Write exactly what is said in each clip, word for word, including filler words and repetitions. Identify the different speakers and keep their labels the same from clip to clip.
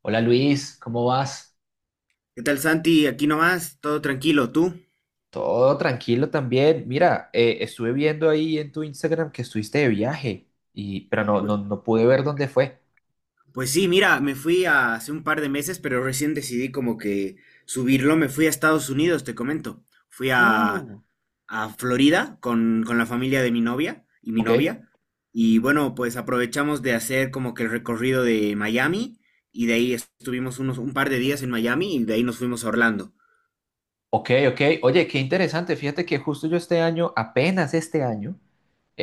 Speaker 1: Hola Luis, ¿cómo vas?
Speaker 2: ¿Qué tal, Santi? Aquí nomás, todo tranquilo, ¿tú?
Speaker 1: Todo tranquilo también. Mira, eh, estuve viendo ahí en tu Instagram que estuviste de viaje, y, pero no, no,
Speaker 2: Pu-
Speaker 1: no pude ver dónde fue.
Speaker 2: Pues sí, mira, me fui a- hace un par de meses, pero recién decidí como que subirlo. Me fui a Estados Unidos, te comento. Fui a,
Speaker 1: Uh,
Speaker 2: a Florida con, con la familia de mi novia y mi
Speaker 1: Ok,
Speaker 2: novia. Y bueno, pues aprovechamos de hacer como que el recorrido de Miami y de ahí estuvimos unos, un par de días en Miami y de ahí nos fuimos a Orlando.
Speaker 1: ok, ok. Oye, qué interesante. Fíjate que justo yo este año, apenas este año,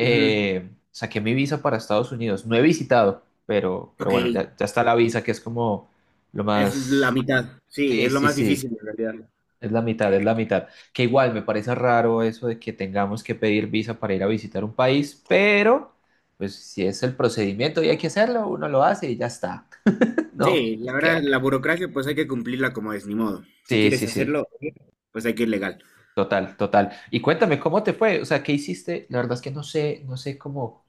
Speaker 2: Ujú.
Speaker 1: saqué mi visa para Estados Unidos. No he visitado, pero, pero
Speaker 2: Ok,
Speaker 1: bueno, ya, ya está la visa que es como lo
Speaker 2: es la
Speaker 1: más.
Speaker 2: mitad. Sí,
Speaker 1: Sí,
Speaker 2: es lo
Speaker 1: sí,
Speaker 2: más
Speaker 1: sí.
Speaker 2: difícil en realidad.
Speaker 1: Es la mitad, es la mitad. Que igual me parece raro eso de que tengamos que pedir visa para ir a visitar un país, pero pues si es el procedimiento y hay que hacerlo, uno lo hace y ya está. No,
Speaker 2: Sí,
Speaker 1: es
Speaker 2: la verdad,
Speaker 1: que.
Speaker 2: la burocracia pues hay que cumplirla como es, ni modo. Si
Speaker 1: Sí,
Speaker 2: quieres
Speaker 1: sí, sí.
Speaker 2: hacerlo, pues hay que ir legal.
Speaker 1: Total, total. Y cuéntame, ¿cómo te fue? O sea, ¿qué hiciste? La verdad es que no sé, no sé cómo.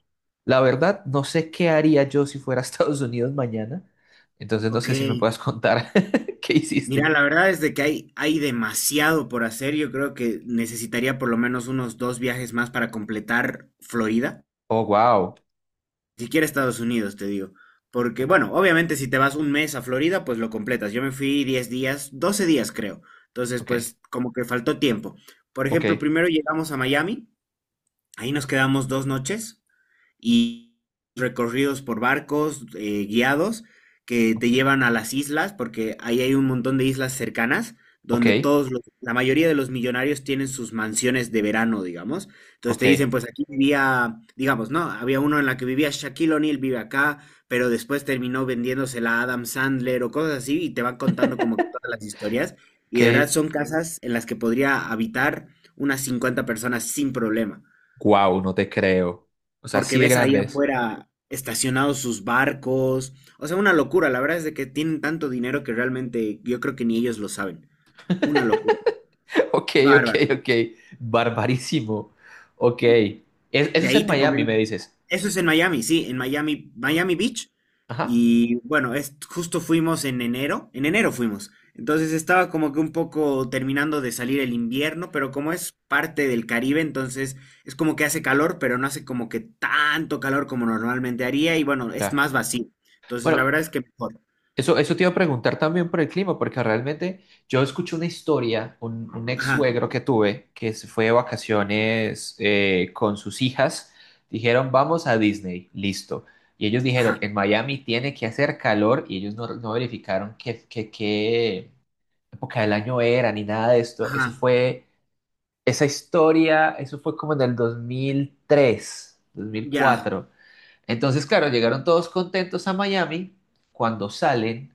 Speaker 1: La verdad, no sé qué haría yo si fuera a Estados Unidos mañana. Entonces no
Speaker 2: Ok,
Speaker 1: sé si me puedas contar qué
Speaker 2: mira,
Speaker 1: hiciste.
Speaker 2: la verdad es de que hay, hay demasiado por hacer. Yo creo que necesitaría por lo menos unos dos viajes más para completar Florida.
Speaker 1: Oh, wow.
Speaker 2: Si quieres Estados Unidos, te digo. Porque, bueno, obviamente si te vas un mes a Florida, pues lo completas. Yo me fui diez días, doce días creo. Entonces,
Speaker 1: Ok,
Speaker 2: pues como que faltó tiempo. Por
Speaker 1: ok,
Speaker 2: ejemplo, primero llegamos a Miami, ahí nos quedamos dos noches. Y recorridos por barcos eh, guiados que te
Speaker 1: ok,
Speaker 2: llevan a las islas, porque ahí hay un montón de islas cercanas
Speaker 1: ok,
Speaker 2: donde todos los- la mayoría de los millonarios tienen sus mansiones de verano, digamos. Entonces
Speaker 1: ok.
Speaker 2: te dicen, pues aquí vivía, digamos, ¿no? Había uno en la que vivía Shaquille O'Neal, vive acá, pero después terminó vendiéndosela a Adam Sandler o cosas así, y te van contando como que todas las historias. Y de verdad
Speaker 1: Ok.
Speaker 2: son casas en las que podría habitar unas cincuenta personas sin problema
Speaker 1: Wow, no te creo. O sea,
Speaker 2: porque
Speaker 1: así de
Speaker 2: ves ahí
Speaker 1: grandes.
Speaker 2: afuera estacionados sus barcos. O sea, una locura. La verdad es de que tienen tanto dinero que realmente yo creo que ni ellos lo saben. Una locura.
Speaker 1: Ok, ok,
Speaker 2: Bárbaro.
Speaker 1: ok. Barbarísimo. Ok. Es- eso
Speaker 2: De
Speaker 1: es
Speaker 2: ahí
Speaker 1: en
Speaker 2: te
Speaker 1: Miami,
Speaker 2: comento.
Speaker 1: me dices.
Speaker 2: Eso es en Miami, sí, en Miami, Miami Beach.
Speaker 1: Ajá.
Speaker 2: Y bueno, es, justo fuimos en enero, en enero fuimos. Entonces estaba como que un poco terminando de salir el invierno, pero como es parte del Caribe, entonces es como que hace calor, pero no hace como que tanto calor como normalmente haría y bueno, es
Speaker 1: Ya.
Speaker 2: más vacío. Entonces la
Speaker 1: Bueno,
Speaker 2: verdad es que mejor.
Speaker 1: eso, eso te iba a preguntar también por el clima, porque realmente yo escuché una historia, un, un ex
Speaker 2: Ajá,
Speaker 1: suegro que tuve, que se fue de vacaciones eh, con sus hijas. Dijeron, vamos a Disney. Listo. Y ellos
Speaker 2: ajá,
Speaker 1: dijeron, en Miami tiene que hacer calor y ellos no, no verificaron qué, qué, qué época del año era ni nada de esto. Eso
Speaker 2: ajá.
Speaker 1: fue, esa historia, eso fue como en el dos dos mil tres dos mil
Speaker 2: Ya,
Speaker 1: cuatro Entonces, claro, llegaron todos contentos a Miami cuando salen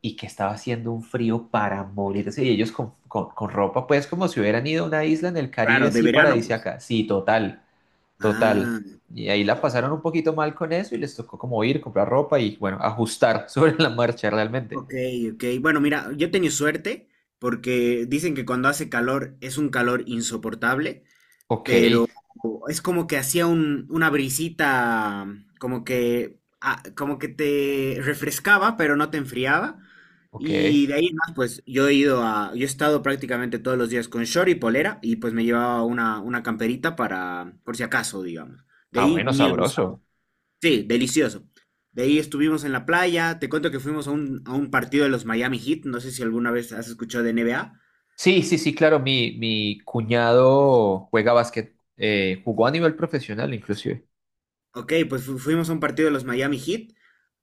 Speaker 1: y que estaba haciendo un frío para morirse. Y ellos con, con, con ropa, pues como si hubieran ido a una isla en el Caribe
Speaker 2: claro, de
Speaker 1: así
Speaker 2: verano pues.
Speaker 1: paradisíaca. Sí, total, total.
Speaker 2: Ah.
Speaker 1: Y ahí la pasaron un poquito mal con eso y les tocó como ir, comprar ropa y bueno, ajustar sobre la marcha realmente.
Speaker 2: Ok, ok. Bueno, mira, yo he tenido suerte porque dicen que cuando hace calor es un calor insoportable,
Speaker 1: Ok,
Speaker 2: pero es como que hacía un, una brisita, como que, ah, como que te refrescaba, pero no te enfriaba.
Speaker 1: ok.
Speaker 2: Y de ahí en más, pues yo he ido a, yo he estado prácticamente todos los días con short y polera y pues me llevaba una, una camperita para, por si acaso, digamos. De
Speaker 1: Ah,
Speaker 2: ahí
Speaker 1: bueno,
Speaker 2: ni la usaba.
Speaker 1: sabroso.
Speaker 2: Sí, delicioso. De ahí estuvimos en la playa. Te cuento que fuimos a un, a un partido de los Miami Heat. No sé si alguna vez has escuchado de N B A.
Speaker 1: Sí, sí, sí, claro, mi, mi cuñado juega básquet, eh, jugó a nivel profesional inclusive.
Speaker 2: Ok, pues fu- fuimos a un partido de los Miami Heat,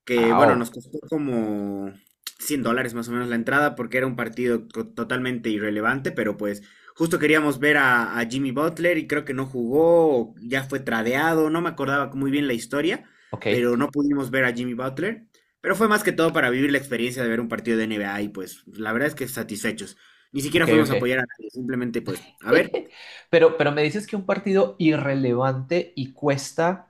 Speaker 2: que
Speaker 1: Ah,
Speaker 2: bueno, nos
Speaker 1: oh,
Speaker 2: costó como cien dólares más o menos la entrada porque era un partido co- totalmente irrelevante, pero pues justo queríamos ver a, a Jimmy Butler y creo que no jugó, o ya fue tradeado, no me acordaba muy bien la historia,
Speaker 1: ok,
Speaker 2: pero no pudimos ver a Jimmy Butler, pero fue más que todo para vivir la experiencia de ver un partido de N B A y pues la verdad es que satisfechos. Ni siquiera
Speaker 1: ok,
Speaker 2: fuimos a
Speaker 1: ok.
Speaker 2: apoyar a nadie, simplemente pues a ver,
Speaker 1: Pero, pero me dices que un partido irrelevante y cuesta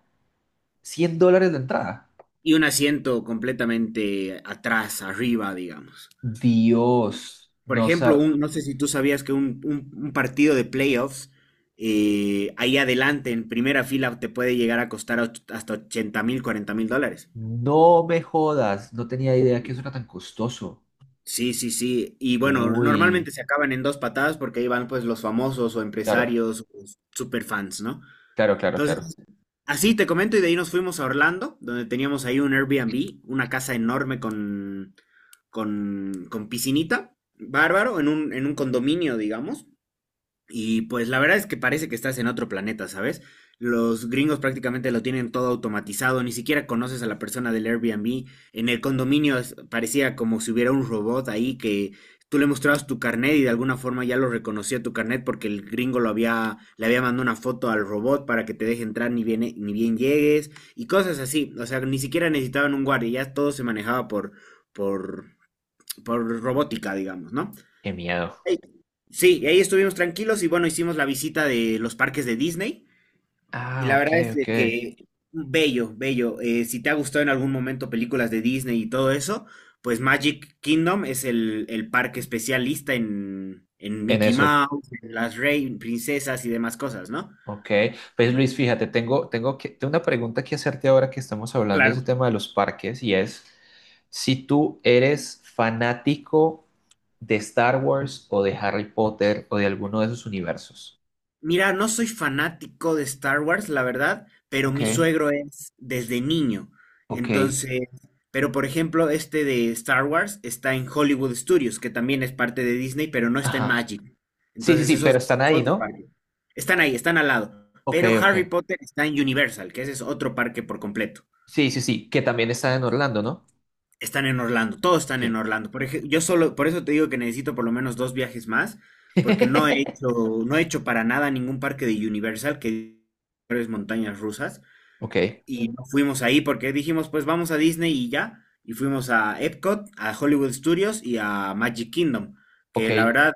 Speaker 1: cien dólares la entrada.
Speaker 2: y un asiento completamente atrás, arriba, digamos.
Speaker 1: Dios,
Speaker 2: Por
Speaker 1: no
Speaker 2: ejemplo,
Speaker 1: sa-
Speaker 2: un, no sé si tú sabías que un, un- un partido de playoffs, eh, ahí adelante, en primera fila, te puede llegar a costar och- hasta ochenta mil, cuarenta mil dólares.
Speaker 1: no me jodas, no tenía idea que eso era tan costoso.
Speaker 2: Sí, sí, sí. Y bueno, normalmente
Speaker 1: Uy,
Speaker 2: se acaban en dos patadas porque ahí van pues los famosos o
Speaker 1: claro,
Speaker 2: empresarios o superfans, ¿no?
Speaker 1: claro, claro, claro.
Speaker 2: Entonces, así te comento y de ahí nos fuimos a Orlando, donde teníamos ahí un Airbnb, una casa enorme con, con, con piscinita, bárbaro, en un, en un condominio, digamos. Y pues la verdad es que parece que estás en otro planeta, ¿sabes? Los gringos prácticamente lo tienen todo automatizado, ni siquiera conoces a la persona del Airbnb. En el condominio es- parecía como si hubiera un robot ahí que tú le mostrabas tu carnet y de alguna forma ya lo reconocía tu carnet porque el gringo lo había, le había mandado una foto al robot para que te deje entrar ni bien, ni bien llegues y cosas así. O sea, ni siquiera necesitaban un guardia, ya todo se manejaba por, por, por robótica, digamos, ¿no?
Speaker 1: Qué miedo.
Speaker 2: Ey. Sí, y ahí estuvimos tranquilos y bueno, hicimos la visita de los parques de Disney y
Speaker 1: Ah,
Speaker 2: la
Speaker 1: ok,
Speaker 2: verdad es
Speaker 1: ok.
Speaker 2: de que bello, bello. Eh, si te ha gustado en algún momento películas de Disney y todo eso, pues Magic Kingdom es el, el parque especialista en, en
Speaker 1: En
Speaker 2: Mickey
Speaker 1: eso.
Speaker 2: Mouse, en las Rey, princesas y demás cosas, ¿no?
Speaker 1: Ok, pues Luis, fíjate, tengo, tengo, que, tengo una pregunta que hacerte ahora que estamos hablando de ese
Speaker 2: Claro.
Speaker 1: tema de los parques y es si tú eres fanático de Star Wars o de Harry Potter o de alguno de esos universos.
Speaker 2: Mira, no soy fanático de Star Wars, la verdad, pero
Speaker 1: Ok,
Speaker 2: mi suegro es desde niño.
Speaker 1: ok.
Speaker 2: Entonces, pero por ejemplo, este de Star Wars está en Hollywood Studios, que también es parte de Disney, pero no está en
Speaker 1: Ajá.
Speaker 2: Magic.
Speaker 1: Sí, sí,
Speaker 2: Entonces,
Speaker 1: sí,
Speaker 2: eso es
Speaker 1: pero están
Speaker 2: es
Speaker 1: ahí,
Speaker 2: otro
Speaker 1: ¿no?
Speaker 2: parque. Están ahí, están al lado.
Speaker 1: Ok,
Speaker 2: Pero
Speaker 1: ok.
Speaker 2: Harry Potter está en Universal, que ese es otro parque por completo,
Speaker 1: Sí, sí, sí, que también están en Orlando, ¿no?
Speaker 2: están en Orlando, todos están
Speaker 1: Sí.
Speaker 2: en Orlando. Por ejemplo, yo solo, por eso te digo que necesito por lo menos dos viajes más, porque no he hecho, no he hecho para nada ningún parque de Universal, que es montañas rusas,
Speaker 1: Ok,
Speaker 2: y no fuimos ahí porque dijimos, pues vamos a Disney y ya. Y fuimos a Epcot, a Hollywood Studios y a Magic Kingdom,
Speaker 1: ok,
Speaker 2: que la verdad,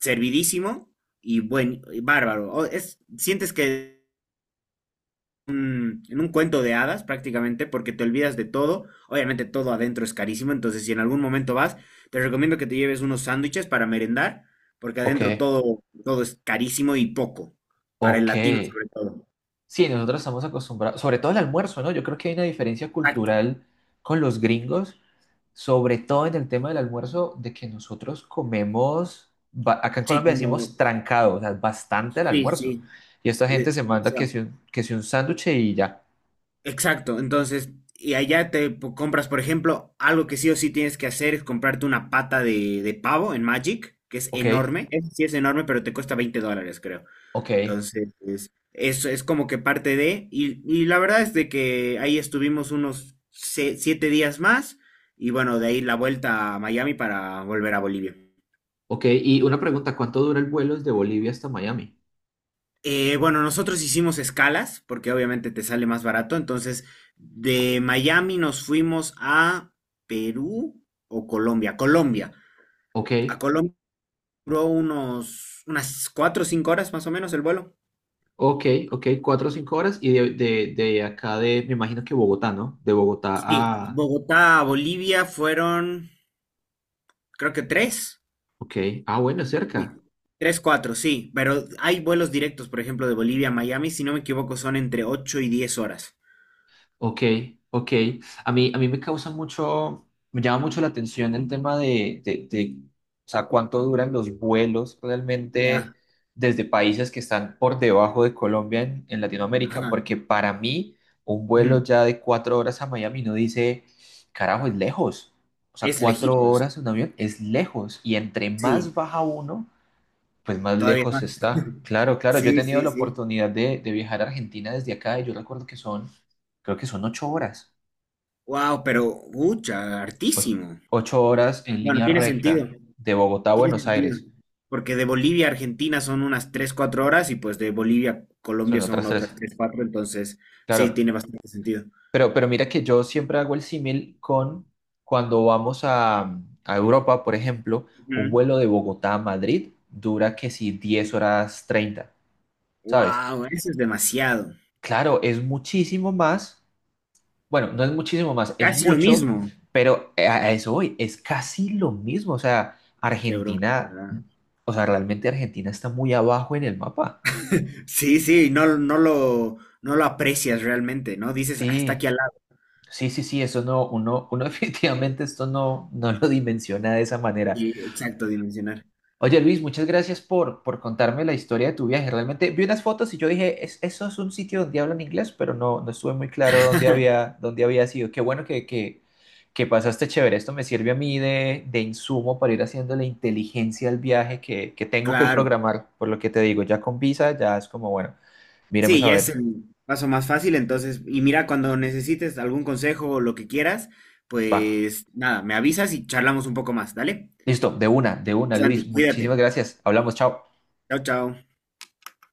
Speaker 2: servidísimo y bueno, y bárbaro. O- Es, sientes que un- en un cuento de hadas prácticamente, porque te olvidas de todo. Obviamente todo adentro es carísimo, entonces si en algún momento vas, te recomiendo que te lleves unos sándwiches para merendar, porque
Speaker 1: ok,
Speaker 2: adentro todo, todo es carísimo y poco, para el
Speaker 1: ok.
Speaker 2: latino sobre todo.
Speaker 1: Sí, nosotros estamos acostumbrados, sobre todo el almuerzo, ¿no? Yo creo que hay una diferencia
Speaker 2: Exacto.
Speaker 1: cultural con los gringos, sobre todo en el tema del almuerzo, de que nosotros comemos, ba- acá en
Speaker 2: Sí,
Speaker 1: Colombia
Speaker 2: como,
Speaker 1: decimos trancado, o sea, bastante el
Speaker 2: sí,
Speaker 1: almuerzo.
Speaker 2: sí,
Speaker 1: Y esta gente
Speaker 2: de-
Speaker 1: se manda que
Speaker 2: demasiado.
Speaker 1: si un, que si un sándwich y ya.
Speaker 2: Exacto, entonces, y allá te po- compras, por ejemplo, algo que sí o sí tienes que hacer es comprarte una pata de, de pavo en Magic, que es
Speaker 1: Ok,
Speaker 2: enorme. Ese sí es enorme, pero te cuesta veinte dólares, creo.
Speaker 1: ok,
Speaker 2: Entonces, es- eso es como que parte de, y, y la verdad es de que ahí estuvimos unos se- siete días más, y bueno, de ahí la vuelta a Miami para volver a Bolivia.
Speaker 1: ok. Y una pregunta, ¿cuánto dura el vuelo desde Bolivia hasta Miami?
Speaker 2: Eh, bueno, nosotros hicimos escalas, porque obviamente te sale más barato, entonces de Miami nos fuimos a Perú o Colombia, Colombia.
Speaker 1: Ok,
Speaker 2: A Colombia duró unos, unas cuatro o cinco horas más o menos el vuelo.
Speaker 1: ok, ok, cuatro o cinco horas. Y de, de, de acá de, me imagino que Bogotá, ¿no? De Bogotá
Speaker 2: Sí,
Speaker 1: a.
Speaker 2: Bogotá a Bolivia fueron, creo que tres.
Speaker 1: Ok, ah, bueno, es
Speaker 2: Sí,
Speaker 1: cerca.
Speaker 2: tres, cuatro, sí, pero hay vuelos directos, por ejemplo, de Bolivia a Miami, si no me equivoco, son entre ocho y diez horas.
Speaker 1: Ok, ok. A mí, a mí me causa mucho, me llama mucho la atención el tema de, de, de, o sea, cuánto duran los vuelos realmente
Speaker 2: Ya,
Speaker 1: desde países que están por debajo de Colombia en, en, Latinoamérica,
Speaker 2: ajá,
Speaker 1: porque para mí un vuelo
Speaker 2: ujú.
Speaker 1: ya de cuatro horas a Miami no dice, carajo, es lejos. O sea,
Speaker 2: Es
Speaker 1: cuatro
Speaker 2: lejitos,
Speaker 1: horas en un avión es lejos y entre más
Speaker 2: sí,
Speaker 1: baja uno, pues más
Speaker 2: todavía
Speaker 1: lejos
Speaker 2: más.
Speaker 1: está. Claro, claro. Yo he
Speaker 2: Sí,
Speaker 1: tenido
Speaker 2: sí,
Speaker 1: la
Speaker 2: sí.
Speaker 1: oportunidad de, de viajar a Argentina desde acá y yo recuerdo que son, creo que son ocho horas.
Speaker 2: Wow, pero, ucha,
Speaker 1: O-
Speaker 2: hartísimo.
Speaker 1: ocho horas en
Speaker 2: Bueno,
Speaker 1: línea
Speaker 2: tiene sentido,
Speaker 1: recta de Bogotá a
Speaker 2: tiene
Speaker 1: Buenos
Speaker 2: sentido.
Speaker 1: Aires.
Speaker 2: Porque de Bolivia a Argentina son unas tres cuatro horas y pues de Bolivia a
Speaker 1: Son
Speaker 2: Colombia son
Speaker 1: otras tres.
Speaker 2: otras tres cuatro, entonces sí,
Speaker 1: Claro.
Speaker 2: tiene bastante sentido.
Speaker 1: Pero, pero mira que yo siempre hago el símil con cuando vamos a, a Europa, por ejemplo, un vuelo de Bogotá a Madrid dura que si diez horas treinta, ¿sabes?
Speaker 2: Wow, eso es demasiado.
Speaker 1: Claro, es muchísimo más. Bueno, no es muchísimo más, es
Speaker 2: Casi lo
Speaker 1: mucho,
Speaker 2: mismo.
Speaker 1: pero a a eso voy, es casi lo mismo. O sea,
Speaker 2: De Europa,
Speaker 1: Argentina,
Speaker 2: ¿verdad?
Speaker 1: o sea, realmente Argentina está muy abajo en el mapa.
Speaker 2: Sí, sí, no, no lo, no lo aprecias realmente, ¿no? Dices, "Ah, está aquí
Speaker 1: Sí,
Speaker 2: al lado.
Speaker 1: sí, sí, sí, eso no, uno, uno definitivamente esto no, no lo dimensiona de esa manera.
Speaker 2: Sí, exacto, dimensionar.
Speaker 1: Oye Luis, muchas gracias por, por contarme la historia de tu viaje. Realmente vi unas fotos y yo dije, "Es- eso es un sitio donde hablan inglés, pero no, no estuve muy claro dónde había, dónde había sido. Qué bueno que, que, que pasaste chévere. Esto me sirve a mí de, de insumo para ir haciendo la inteligencia al viaje que, que tengo que
Speaker 2: Claro.
Speaker 1: programar, por lo que te digo, ya con visa, ya es como, bueno, miremos
Speaker 2: Sí,
Speaker 1: a
Speaker 2: ya es
Speaker 1: ver.
Speaker 2: el paso más fácil, entonces, y mira, cuando necesites algún consejo o lo que quieras,
Speaker 1: Va.
Speaker 2: pues nada, me avisas y charlamos un poco más, ¿dale?
Speaker 1: Listo, de una, de una,
Speaker 2: Pues, Santi,
Speaker 1: Luis. Muchísimas
Speaker 2: cuídate.
Speaker 1: gracias. Hablamos, chao.
Speaker 2: Chao, chao.